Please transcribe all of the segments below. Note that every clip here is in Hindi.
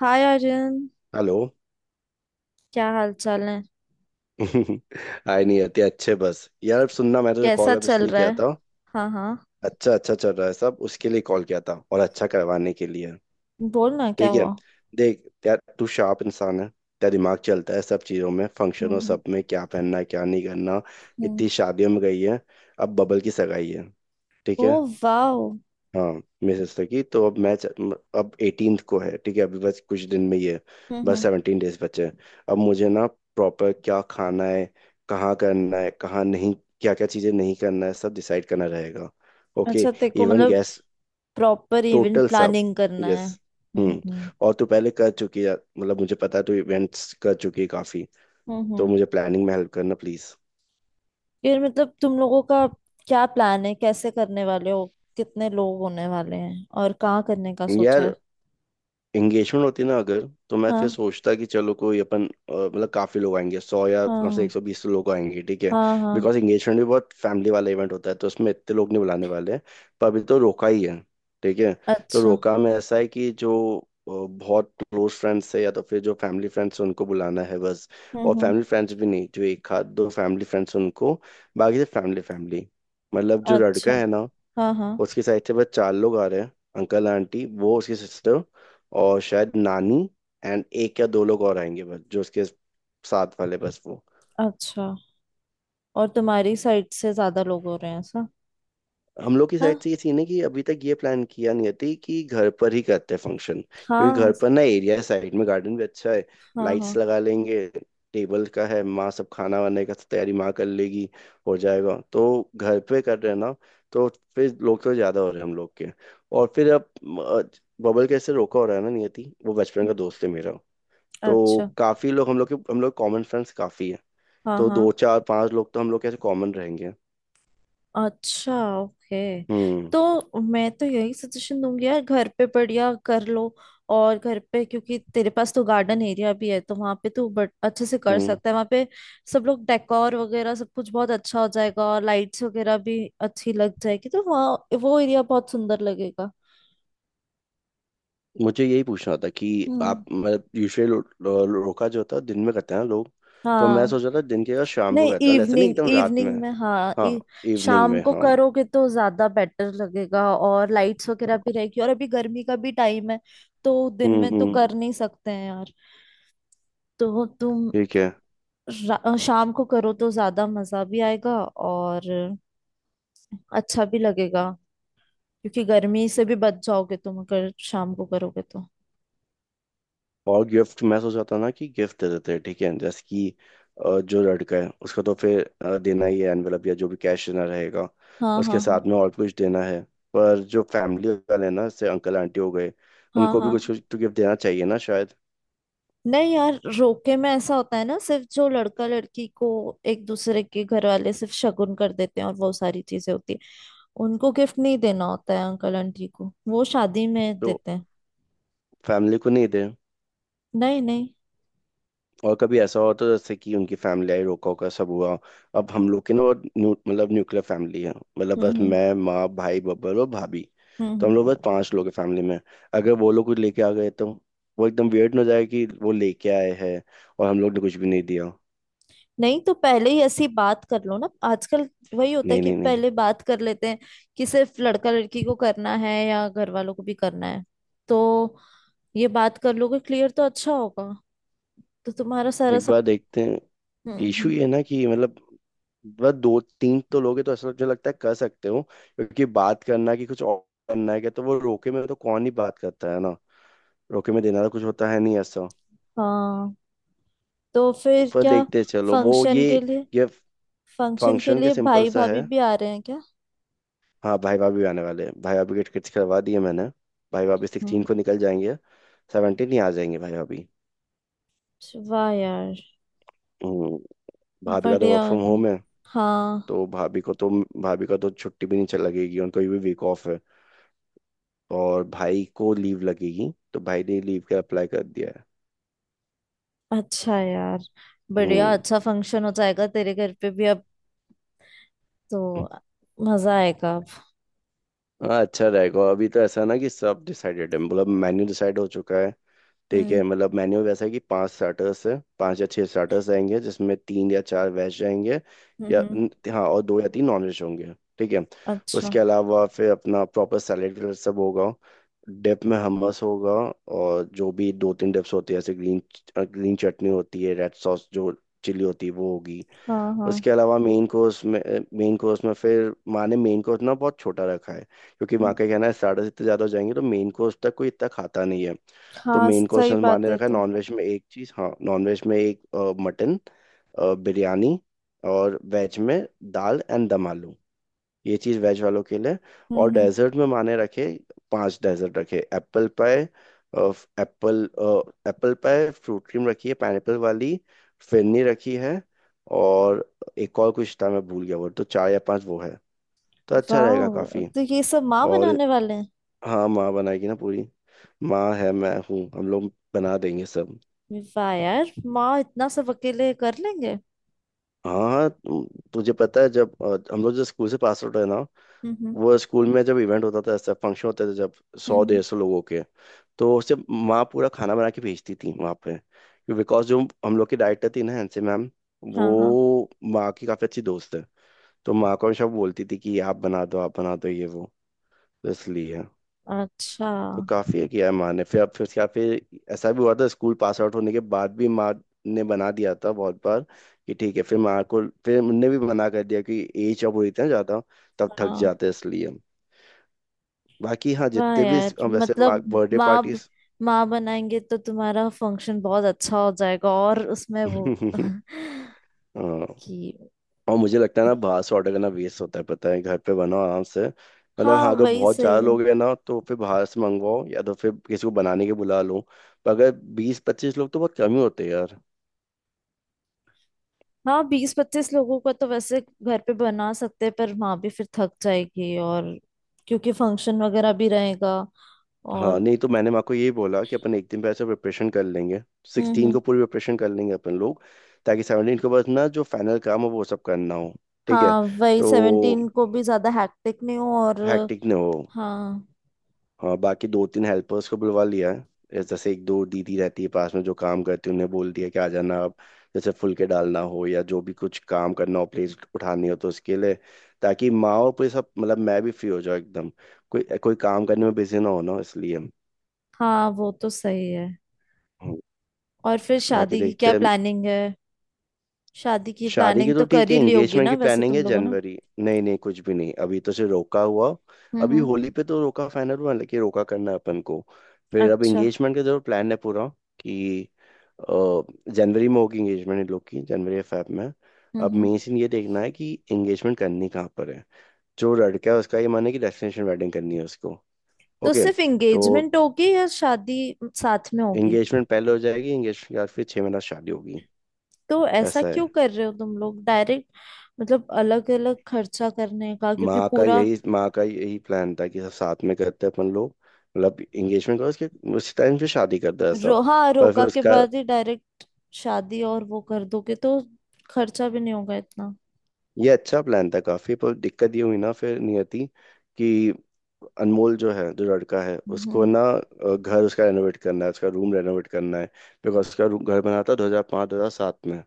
हाय अर्जुन। हेलो। क्या हाल चाल है? हाय नहीं आती अच्छे बस, यार सुनना, मैं तुझे कैसा कॉल अब चल इसलिए रहा किया है? था। हाँ हाँ। अच्छा अच्छा चल रहा है सब। उसके लिए कॉल किया था, और अच्छा करवाने के लिए। बोल ना, क्या ठीक है। हुआ? देख यार, तू शार्प इंसान है, तेरा दिमाग चलता है सब चीजों में, हम्म फंक्शनों हम्म सब में, क्या पहनना है क्या नहीं करना। हम्म। इतनी शादियों में गई है। अब बबल की सगाई है। ठीक ओ है। वाह हम्म। हाँ। मिसेस लगी, तो अब मैच अब 18th को है। ठीक है, अभी बस कुछ दिन में ही है। बस हम्म। 17 डेज बचे हैं। अब मुझे ना प्रॉपर क्या खाना है, कहाँ करना है कहाँ नहीं, क्या क्या चीज़ें नहीं करना है, सब डिसाइड करना रहेगा। ओके। अच्छा, तेरे को इवन मतलब गैस, प्रॉपर इवेंट टोटल सब। प्लानिंग करना यस। है। हम्म। और तू पहले कर चुकी है, मतलब मुझे पता है तू इवेंट्स कर चुकी है काफ़ी। हम्म तो हम्म। मुझे प्लानिंग में हेल्प करना, प्लीज़। फिर मतलब तुम लोगों का क्या प्लान है? कैसे करने वाले हो? कितने लोग होने वाले हैं और कहाँ करने का सोचा यार है? एंगेजमेंट होती ना, अगर तो मैं फिर हाँ सोचता कि चलो कोई अपन मतलब काफी लोग आएंगे, सौ या कम से हाँ एक सौ बीस लोग आएंगे। ठीक है। हाँ हाँ। बिकॉज एंगेजमेंट भी बहुत फैमिली वाला इवेंट होता है, तो उसमें इतने लोग नहीं बुलाने वाले हैं। पर अभी तो रोका ही है। ठीक है। तो अच्छा। रोका में ऐसा है कि जो बहुत क्लोज फ्रेंड्स है या तो फिर जो फैमिली फ्रेंड्स है, उनको बुलाना है बस। और हम्म। फैमिली फ्रेंड्स भी नहीं, जो एक आध दो फैमिली फ्रेंड्स उनको। बाकी से फैमिली फैमिली, मतलब जो अच्छा। लड़का है ना, हाँ हाँ। उसकी साइड से बस 4 लोग आ रहे हैं। अंकल आंटी, वो उसकी सिस्टर, और शायद नानी। एंड एक या दो लोग और आएंगे बस, जो उसके साथ वाले बस वो। अच्छा, और तुम्हारी साइड से ज्यादा लोग हो रहे हैं ऐसा? हम लोग की साइड हाँ। से ये सीन है कि अभी तक ये प्लान किया नहीं थी कि घर पर ही करते हैं फंक्शन, क्योंकि हाँ घर पर ना एरिया है, साइड में गार्डन भी अच्छा है। हाँ हाँ। लाइट्स लगा लेंगे। टेबल का है, माँ सब खाना वाने का तैयारी माँ कर लेगी। हो जाएगा, तो घर पे कर रहे हैं ना। तो फिर लोग तो ज्यादा हो रहे हैं हम लोग के। और फिर अब अ, बबल कैसे रोका हो रहा है ना नियति, वो बचपन का दोस्त है मेरा। तो अच्छा। काफी लोग हम लोग के, हम लोग कॉमन फ्रेंड्स काफी है। हाँ तो दो हाँ। चार पांच लोग तो हम लोग कैसे कॉमन रहेंगे। अच्छा, ओके, हम्म तो मैं तो यही सजेशन दूंगी यार, घर पे बढ़िया कर लो। और घर पे, क्योंकि तेरे पास तो गार्डन एरिया भी है, तो वहाँ पे तू बट अच्छे से कर हम्म। सकता है वहाँ पे। सब लोग, डेकोर वगैरह सब कुछ बहुत अच्छा हो जाएगा, और लाइट्स वगैरह भी अच्छी लग जाएगी, तो वहाँ वो एरिया बहुत सुंदर लगेगा। मुझे यही पूछना था कि हम्म। आप मतलब यूजुअली लो, लो, रोका जो होता है दिन में करते हैं ना लोग। तो मैं हाँ सोच रहा था दिन के या शाम को नहीं, करता हूँ, ऐसा नहीं इवनिंग, एकदम रात में। इवनिंग में हाँ। हाँ, इवनिंग शाम में, को हाँ। करोगे तो ज्यादा बेटर लगेगा, और लाइट्स वगैरह भी रहेगी, और अभी गर्मी का भी टाइम है। तो दिन में तो हम्म। कर नहीं सकते हैं यार। तो तुम ठीक है। शाम को करो तो ज्यादा मजा भी आएगा और अच्छा भी लगेगा, क्योंकि गर्मी से भी बच जाओगे तुम अगर शाम को करोगे तो। और गिफ्ट मैं सोच रहा था ना, कि गिफ्ट दे देते हैं, ठीक है। जैसे कि जो लड़का है उसको तो फिर देना ही है एनवेलप या जो भी कैश देना रहेगा। हाँ उसके हाँ हाँ साथ में और कुछ देना है। पर जो फैमिली वाले हैं ना, जैसे अंकल आंटी हो गए, हाँ उनको भी कुछ हाँ। कुछ तो गिफ्ट देना चाहिए ना शायद। नहीं यार, रोके में ऐसा होता है ना, सिर्फ जो लड़का लड़की को एक दूसरे के घर वाले सिर्फ शगुन कर देते हैं, और वो सारी चीजें होती है। उनको गिफ्ट नहीं देना होता है, अंकल आंटी को वो शादी में तो देते हैं। फैमिली को नहीं दे। नहीं नहीं। और कभी ऐसा हो, तो जैसे कि उनकी फैमिली आई, रोका होका सब हुआ, अब हम लोग की ना वो न्यू मतलब न्यूक्लियर फैमिली है। मतलब हम्म बस हम्म मैं, माँ, भाई बब्बर और भाभी। हम्म तो हम्म। हम लोग बस 5 लोग हैं फैमिली में। अगर वो लोग कुछ लेके आ गए, तो वो एकदम वियर्ड हो जाए कि वो लेके आए हैं और हम लोग ने कुछ भी नहीं दिया। नहीं तो पहले ही ऐसी बात कर लो ना, आजकल वही होता है नहीं कि नहीं नहीं। पहले बात कर लेते हैं, कि सिर्फ लड़का लड़की को करना है या घर वालों को भी करना है। तो ये बात कर लोगे क्लियर तो अच्छा होगा। तो तुम्हारा सारा एक सब। बार देखते हैं। हम्म इशू हम्म। ये है ना कि मतलब बस दो तीन तो लोग हैं, तो ऐसा मुझे लगता है कर सकते हो, क्योंकि बात करना कि कुछ और करना है क्या, तो वो रोके में तो कौन ही बात करता है ना। रोके में देना तो कुछ होता है नहीं ऐसा। हाँ, तो फिर पर क्या? देखते चलो वो फंक्शन ये के लिए ये फंक्शन के फंक्शन के लिए सिंपल भाई सा भाभी है। भी आ रहे हैं क्या? हाँ, भाई भाभी आने वाले हैं। भाई भाभी के टिकट्स करवा दिए मैंने। भाई भाभी हम्म। सिक्सटीन को निकल जाएंगे। सेवनटीन ही आ जाएंगे भाई भाभी। वाह यार, हम्म, भाभी का तो बढ़िया। वर्क फ्रॉम होम है। हाँ तो, भाभी का तो छुट्टी भी नहीं चल लगेगी, उनको भी वीक ऑफ है। और भाई को लीव लगेगी, तो भाई ने लीव का अप्लाई कर दिया है। अच्छा यार, बढ़िया। हम्म। अच्छा फंक्शन हो जाएगा तेरे घर पे भी अब। तो मजा आएगा अब। हाँ, अच्छा रहेगा। अभी तो ऐसा ना कि सब डिसाइडेड है, मतलब मेन्यू डिसाइड हो चुका है। ठीक हम्म है, मतलब मेन्यू वैसा है कि 5 स्टार्टर्स है, 5 या 6 स्टार्टर्स आएंगे, जिसमें तीन या चार वेज जाएंगे। हम्म। हाँ, और दो या तीन नॉन वेज होंगे। ठीक है। अच्छा। उसके अलावा फिर अपना प्रॉपर सैलेड सब होगा। डिप में हमस होगा। और जो भी दो तीन डिप्स होती है, जैसे ग्रीन, ग्रीन चटनी होती है, रेड सॉस, जो चिली होती है, वो होगी। हाँ हाँ। उसके अलावा मेन कोर्स में, फिर माँ ने मेन कोर्स ना बहुत छोटा रखा है। क्योंकि माँ हम्म। का कहना है स्टार्टर्स इतने ज़्यादा हो जाएंगे, तो मेन कोर्स तक कोई इतना खाता नहीं है। तो हाँ मेन कोर्स सही में माँ बात ने है रखा है, तो। नॉनवेज में एक चीज़, हाँ नॉनवेज में एक मटन बिरयानी, और वेज में दाल एंड दम आलू, ये चीज़ वेज वालों के लिए। और हम्म। डेजर्ट में माने रखे, 5 डेजर्ट रखे, apple pie, apple, apple pie, fruit cream रखी है पाइनएप्पल वाली, फिरनी रखी है, और एक और कुछ था मैं भूल गया। वो तो 4 या 5 वो है, तो अच्छा रहेगा वाह, काफ़ी। तो ये सब माँ और बनाने वाले हैं? हाँ, माँ बनाएगी ना पूरी। माँ है, मैं हूँ, हम लोग बना देंगे सब। वाह यार, माँ इतना सब अकेले कर लेंगे? हाँ हाँ, तुझे पता है जब हम लोग जो स्कूल से पास आउट है ना, हम्म हम्म वो स्कूल में जब इवेंट होता था, ऐसा फंक्शन होते थे जब हम्म सौ हम्म। डेढ़ सौ लोगों के, तो उससे माँ पूरा खाना बना के भेजती थी वहाँ पे। बिकॉज जो हम लोग की डाइटर थी ना, हैंसी मैम, हाँ हाँ। वो माँ की काफ़ी अच्छी दोस्त है। तो माँ को हमेशा बोलती थी कि आप बना दो, आप बना दो ये वो, तो इसलिए, अच्छा। तो काफ़ी किया है माँ ने। फिर अब फिर उसके बाद फिर ऐसा भी हुआ था, स्कूल पास आउट होने के बाद भी माँ ने बना दिया था बहुत बार। कि ठीक है, फिर माँ को फिर उनने भी मना कर दिया कि एज जब हो जाती है ना ज़्यादा, तब थक हाँ जाते हैं इसलिए। बाकी हाँ, वाह जितने भी यार, वैसे माँ मतलब बर्थडे माँ ब- पार्टीज। माँ बनाएंगे तो तुम्हारा फंक्शन बहुत अच्छा हो जाएगा, और उसमें वो कि। हाँ, और मुझे लगता है ना बाहर से ऑर्डर करना वेस्ट होता है, पता है। घर पे बनाओ आराम से, मतलब हाँ हाँ, अगर वही बहुत ज़्यादा सही है। लोग हैं ना, तो फिर बाहर से मंगवाओ, या तो फिर किसी को बनाने के बुला लो। पर अगर 20 से 25 लोग तो बहुत कम ही होते हैं यार। हाँ, 20-25 लोगों का तो वैसे घर पे बना सकते हैं, पर माँ भी फिर थक जाएगी, और क्योंकि फंक्शन वगैरह भी रहेगा, हाँ, और नहीं तो मैंने माँ को यही बोला कि अपन एक दिन पहले से प्रिपरेशन कर लेंगे। सिक्सटीन हम्म। को पूरी प्रिपरेशन कर लेंगे अपन लोग, ताकि सेवनटीन को बस ना जो फाइनल काम हो वो सब करना हो। ठीक है। हाँ, वही तो 17 को भी ज्यादा हैक्टिक नहीं हो, और हैक्टिक ना हो। हाँ हाँ, बाकी दो तीन हेल्पर्स को बुलवा लिया है, जैसे एक दो दीदी रहती है पास में जो काम करती है, उन्हें बोल दिया कि आ जाना आप। जैसे फुलके डालना हो या जो भी कुछ काम करना हो, प्लेट उठानी हो, तो उसके लिए, ताकि माँ और पूरे सब, मतलब मैं भी फ्री हो जाऊँ एकदम, कोई कोई काम करने में बिजी ना हो ना, इसलिए। हाँ, वो तो सही है। हम्म। और फिर बाकी शादी की देखते क्या हैं। प्लानिंग है? शादी की शादी की प्लानिंग तो तो कर ठीक है, ही ली होगी एंगेजमेंट ना की वैसे प्लानिंग तुम है, लोगों ने? जनवरी, नहीं नहीं, कुछ भी नहीं, अभी तो सिर्फ रोका हुआ। अभी हम्म। होली पे तो रोका फाइनल हुआ, लेकिन रोका करना है अपन को। फिर अब अच्छा। एंगेजमेंट का जरूर प्लान है पूरा, कि अ, जनवरी में होगी एंगेजमेंट इन लोग की, जनवरी या फेब में। अब हम्म। मेन सीन ये देखना है कि एंगेजमेंट करनी कहाँ पर है। जो लड़का है उसका ये माने कि डेस्टिनेशन वेडिंग करनी है उसको। तो ओके। सिर्फ तो एंगेजमेंट होगी या शादी साथ में होगी? एंगेजमेंट पहले हो जाएगी, एंगेजमेंट के बाद फिर 6 महीना शादी होगी। तो ऐसा ऐसा क्यों है, कर रहे हो तुम लोग डायरेक्ट? मतलब अलग अलग खर्चा करने का, क्योंकि पूरा माँ का यही प्लान था कि सब साथ में करते अपन लोग, मतलब एंगेजमेंट का, उसके उसी टाइम से शादी कर दिया सब। रो हाँ, पर रोका फिर के उसका, बाद ही डायरेक्ट शादी और वो कर दोगे तो खर्चा भी नहीं होगा इतना। ये अच्छा प्लान था काफी, पर दिक्कत ये हुई ना फिर नियति, कि अनमोल जो है, जो लड़का है, उसको हम्म। ना घर उसका रेनोवेट करना है, उसका रूम रेनोवेट करना है। बिकॉज उसका रूम, घर बना था 2005 से 2007 में।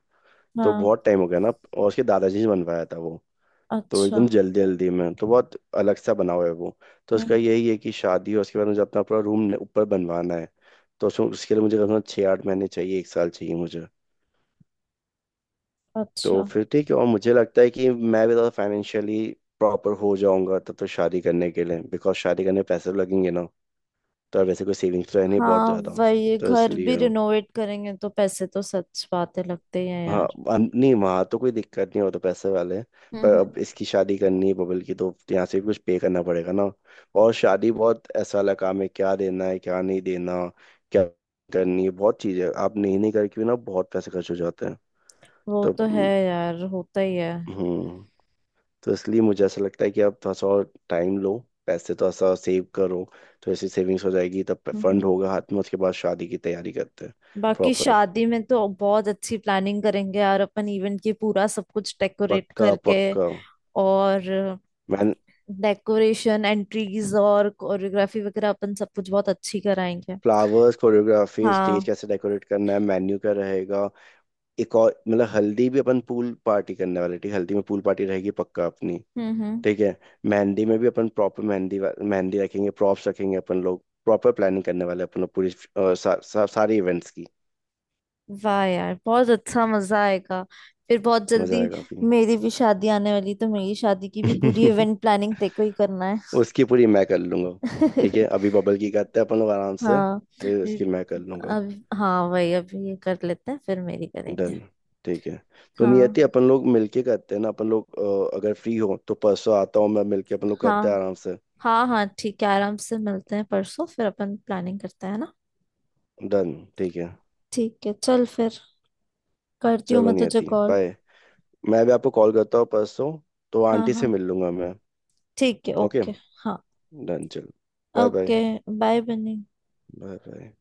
तो हाँ। बहुत टाइम हो गया ना, और उसके दादाजी ने बनवाया था वो। तो अच्छा। एकदम जल्दी जल्दी में तो बहुत अलग सा बना हुआ है वो। तो उसका हम्म। यही है कि शादी है, उसके बाद मुझे अपना पूरा रूम ऊपर बनवाना है। तो उसमें, उसके लिए मुझे कम से कम 6 से 8 महीने चाहिए, 1 साल चाहिए मुझे। तो अच्छा। फिर ठीक है, और मुझे लगता है कि मैं भी ज़्यादा फाइनेंशियली प्रॉपर हो जाऊंगा तब, तो शादी करने के लिए। बिकॉज शादी करने में पैसे तो लगेंगे ना। तो वैसे कोई सेविंग्स तो है नहीं बहुत हाँ ज़्यादा। वही, तो घर भी इसलिए। रिनोवेट करेंगे तो पैसे तो सच बातें लगते ही हैं हाँ, यार। नहीं वहाँ तो कोई दिक्कत नहीं हो, तो पैसे वाले हैं। पर अब हम्म। इसकी शादी करनी है बबल की, तो यहाँ से भी कुछ पे करना पड़ेगा ना। और शादी बहुत ऐसा वाला काम है, क्या देना है क्या नहीं देना, क्या करनी है, बहुत चीज़ें आप नहीं नहीं करके भी ना बहुत पैसे खर्च हो जाते हैं। वो तो तो है यार, होता ही है। हम्म। तो इसलिए मुझे ऐसा लगता है कि आप थोड़ा सा और टाइम लो, पैसे थोड़ा सा सेव करो, तो ऐसी सेविंग्स हो जाएगी, तब फंड हम्म। होगा हाथ में, उसके बाद शादी की तैयारी करते हैं। बाकी प्रॉपर। शादी में तो बहुत अच्छी प्लानिंग करेंगे यार अपन, इवेंट की पूरा सब कुछ डेकोरेट पक्का करके, पक्का। और मैंने, डेकोरेशन, एंट्रीज और कोरियोग्राफी वगैरह अपन सब कुछ बहुत अच्छी कराएंगे। फ्लावर्स, कोरियोग्राफी, स्टेज हाँ। कैसे डेकोरेट करना है, मेन्यू क्या रहेगा। एक और मतलब, हल्दी भी अपन पूल पार्टी करने वाले, ठीक है? हल्दी में पूल पार्टी रहेगी पक्का अपनी। हम्म हम्म। ठीक है। मेहंदी में भी अपन प्रॉपर मेहंदी रखेंगे, प्रॉप्स रखेंगे अपन लोग, प्रॉपर प्लानिंग करने वाले हैं अपन लोग पूरी, अ, सा, सा, सारे इवेंट्स की। वाह यार, बहुत अच्छा मजा आएगा। फिर बहुत मजा जल्दी आएगा काफी। मेरी भी शादी आने वाली, तो मेरी शादी की भी पूरी इवेंट प्लानिंग तेको ही करना उसकी पूरी मैं कर लूंगा। है। ठीक है, अभी बबल की करते हैं अपन लोग आराम से, हाँ, फिर ये- उसकी मैं कर लूंगा। अब, हाँ वही, अब ये कर लेते हैं फिर मेरी करेंगे। डन। ठीक है। तो नियति, हाँ अपन लोग मिलके करते हैं ना, अपन लोग। अगर फ्री हो तो परसों आता हूँ, मैं मिलके, अपन लोग करते हैं हाँ। आराम से। हाँ हाँ, ठीक है, आराम से मिलते हैं परसों, फिर अपन प्लानिंग करते हैं ना। डन। ठीक है। ठीक है, चल फिर, करती हूँ चलो मैं तुझे नियति, कॉल। बाय। मैं भी आपको कॉल करता हूँ परसों, तो हाँ आंटी से हाँ, मिल लूंगा मैं। ठीक है, ओके। ओके। हाँ, डन, चलो। Bye bye. ओके, बाय बनी। Bye bye.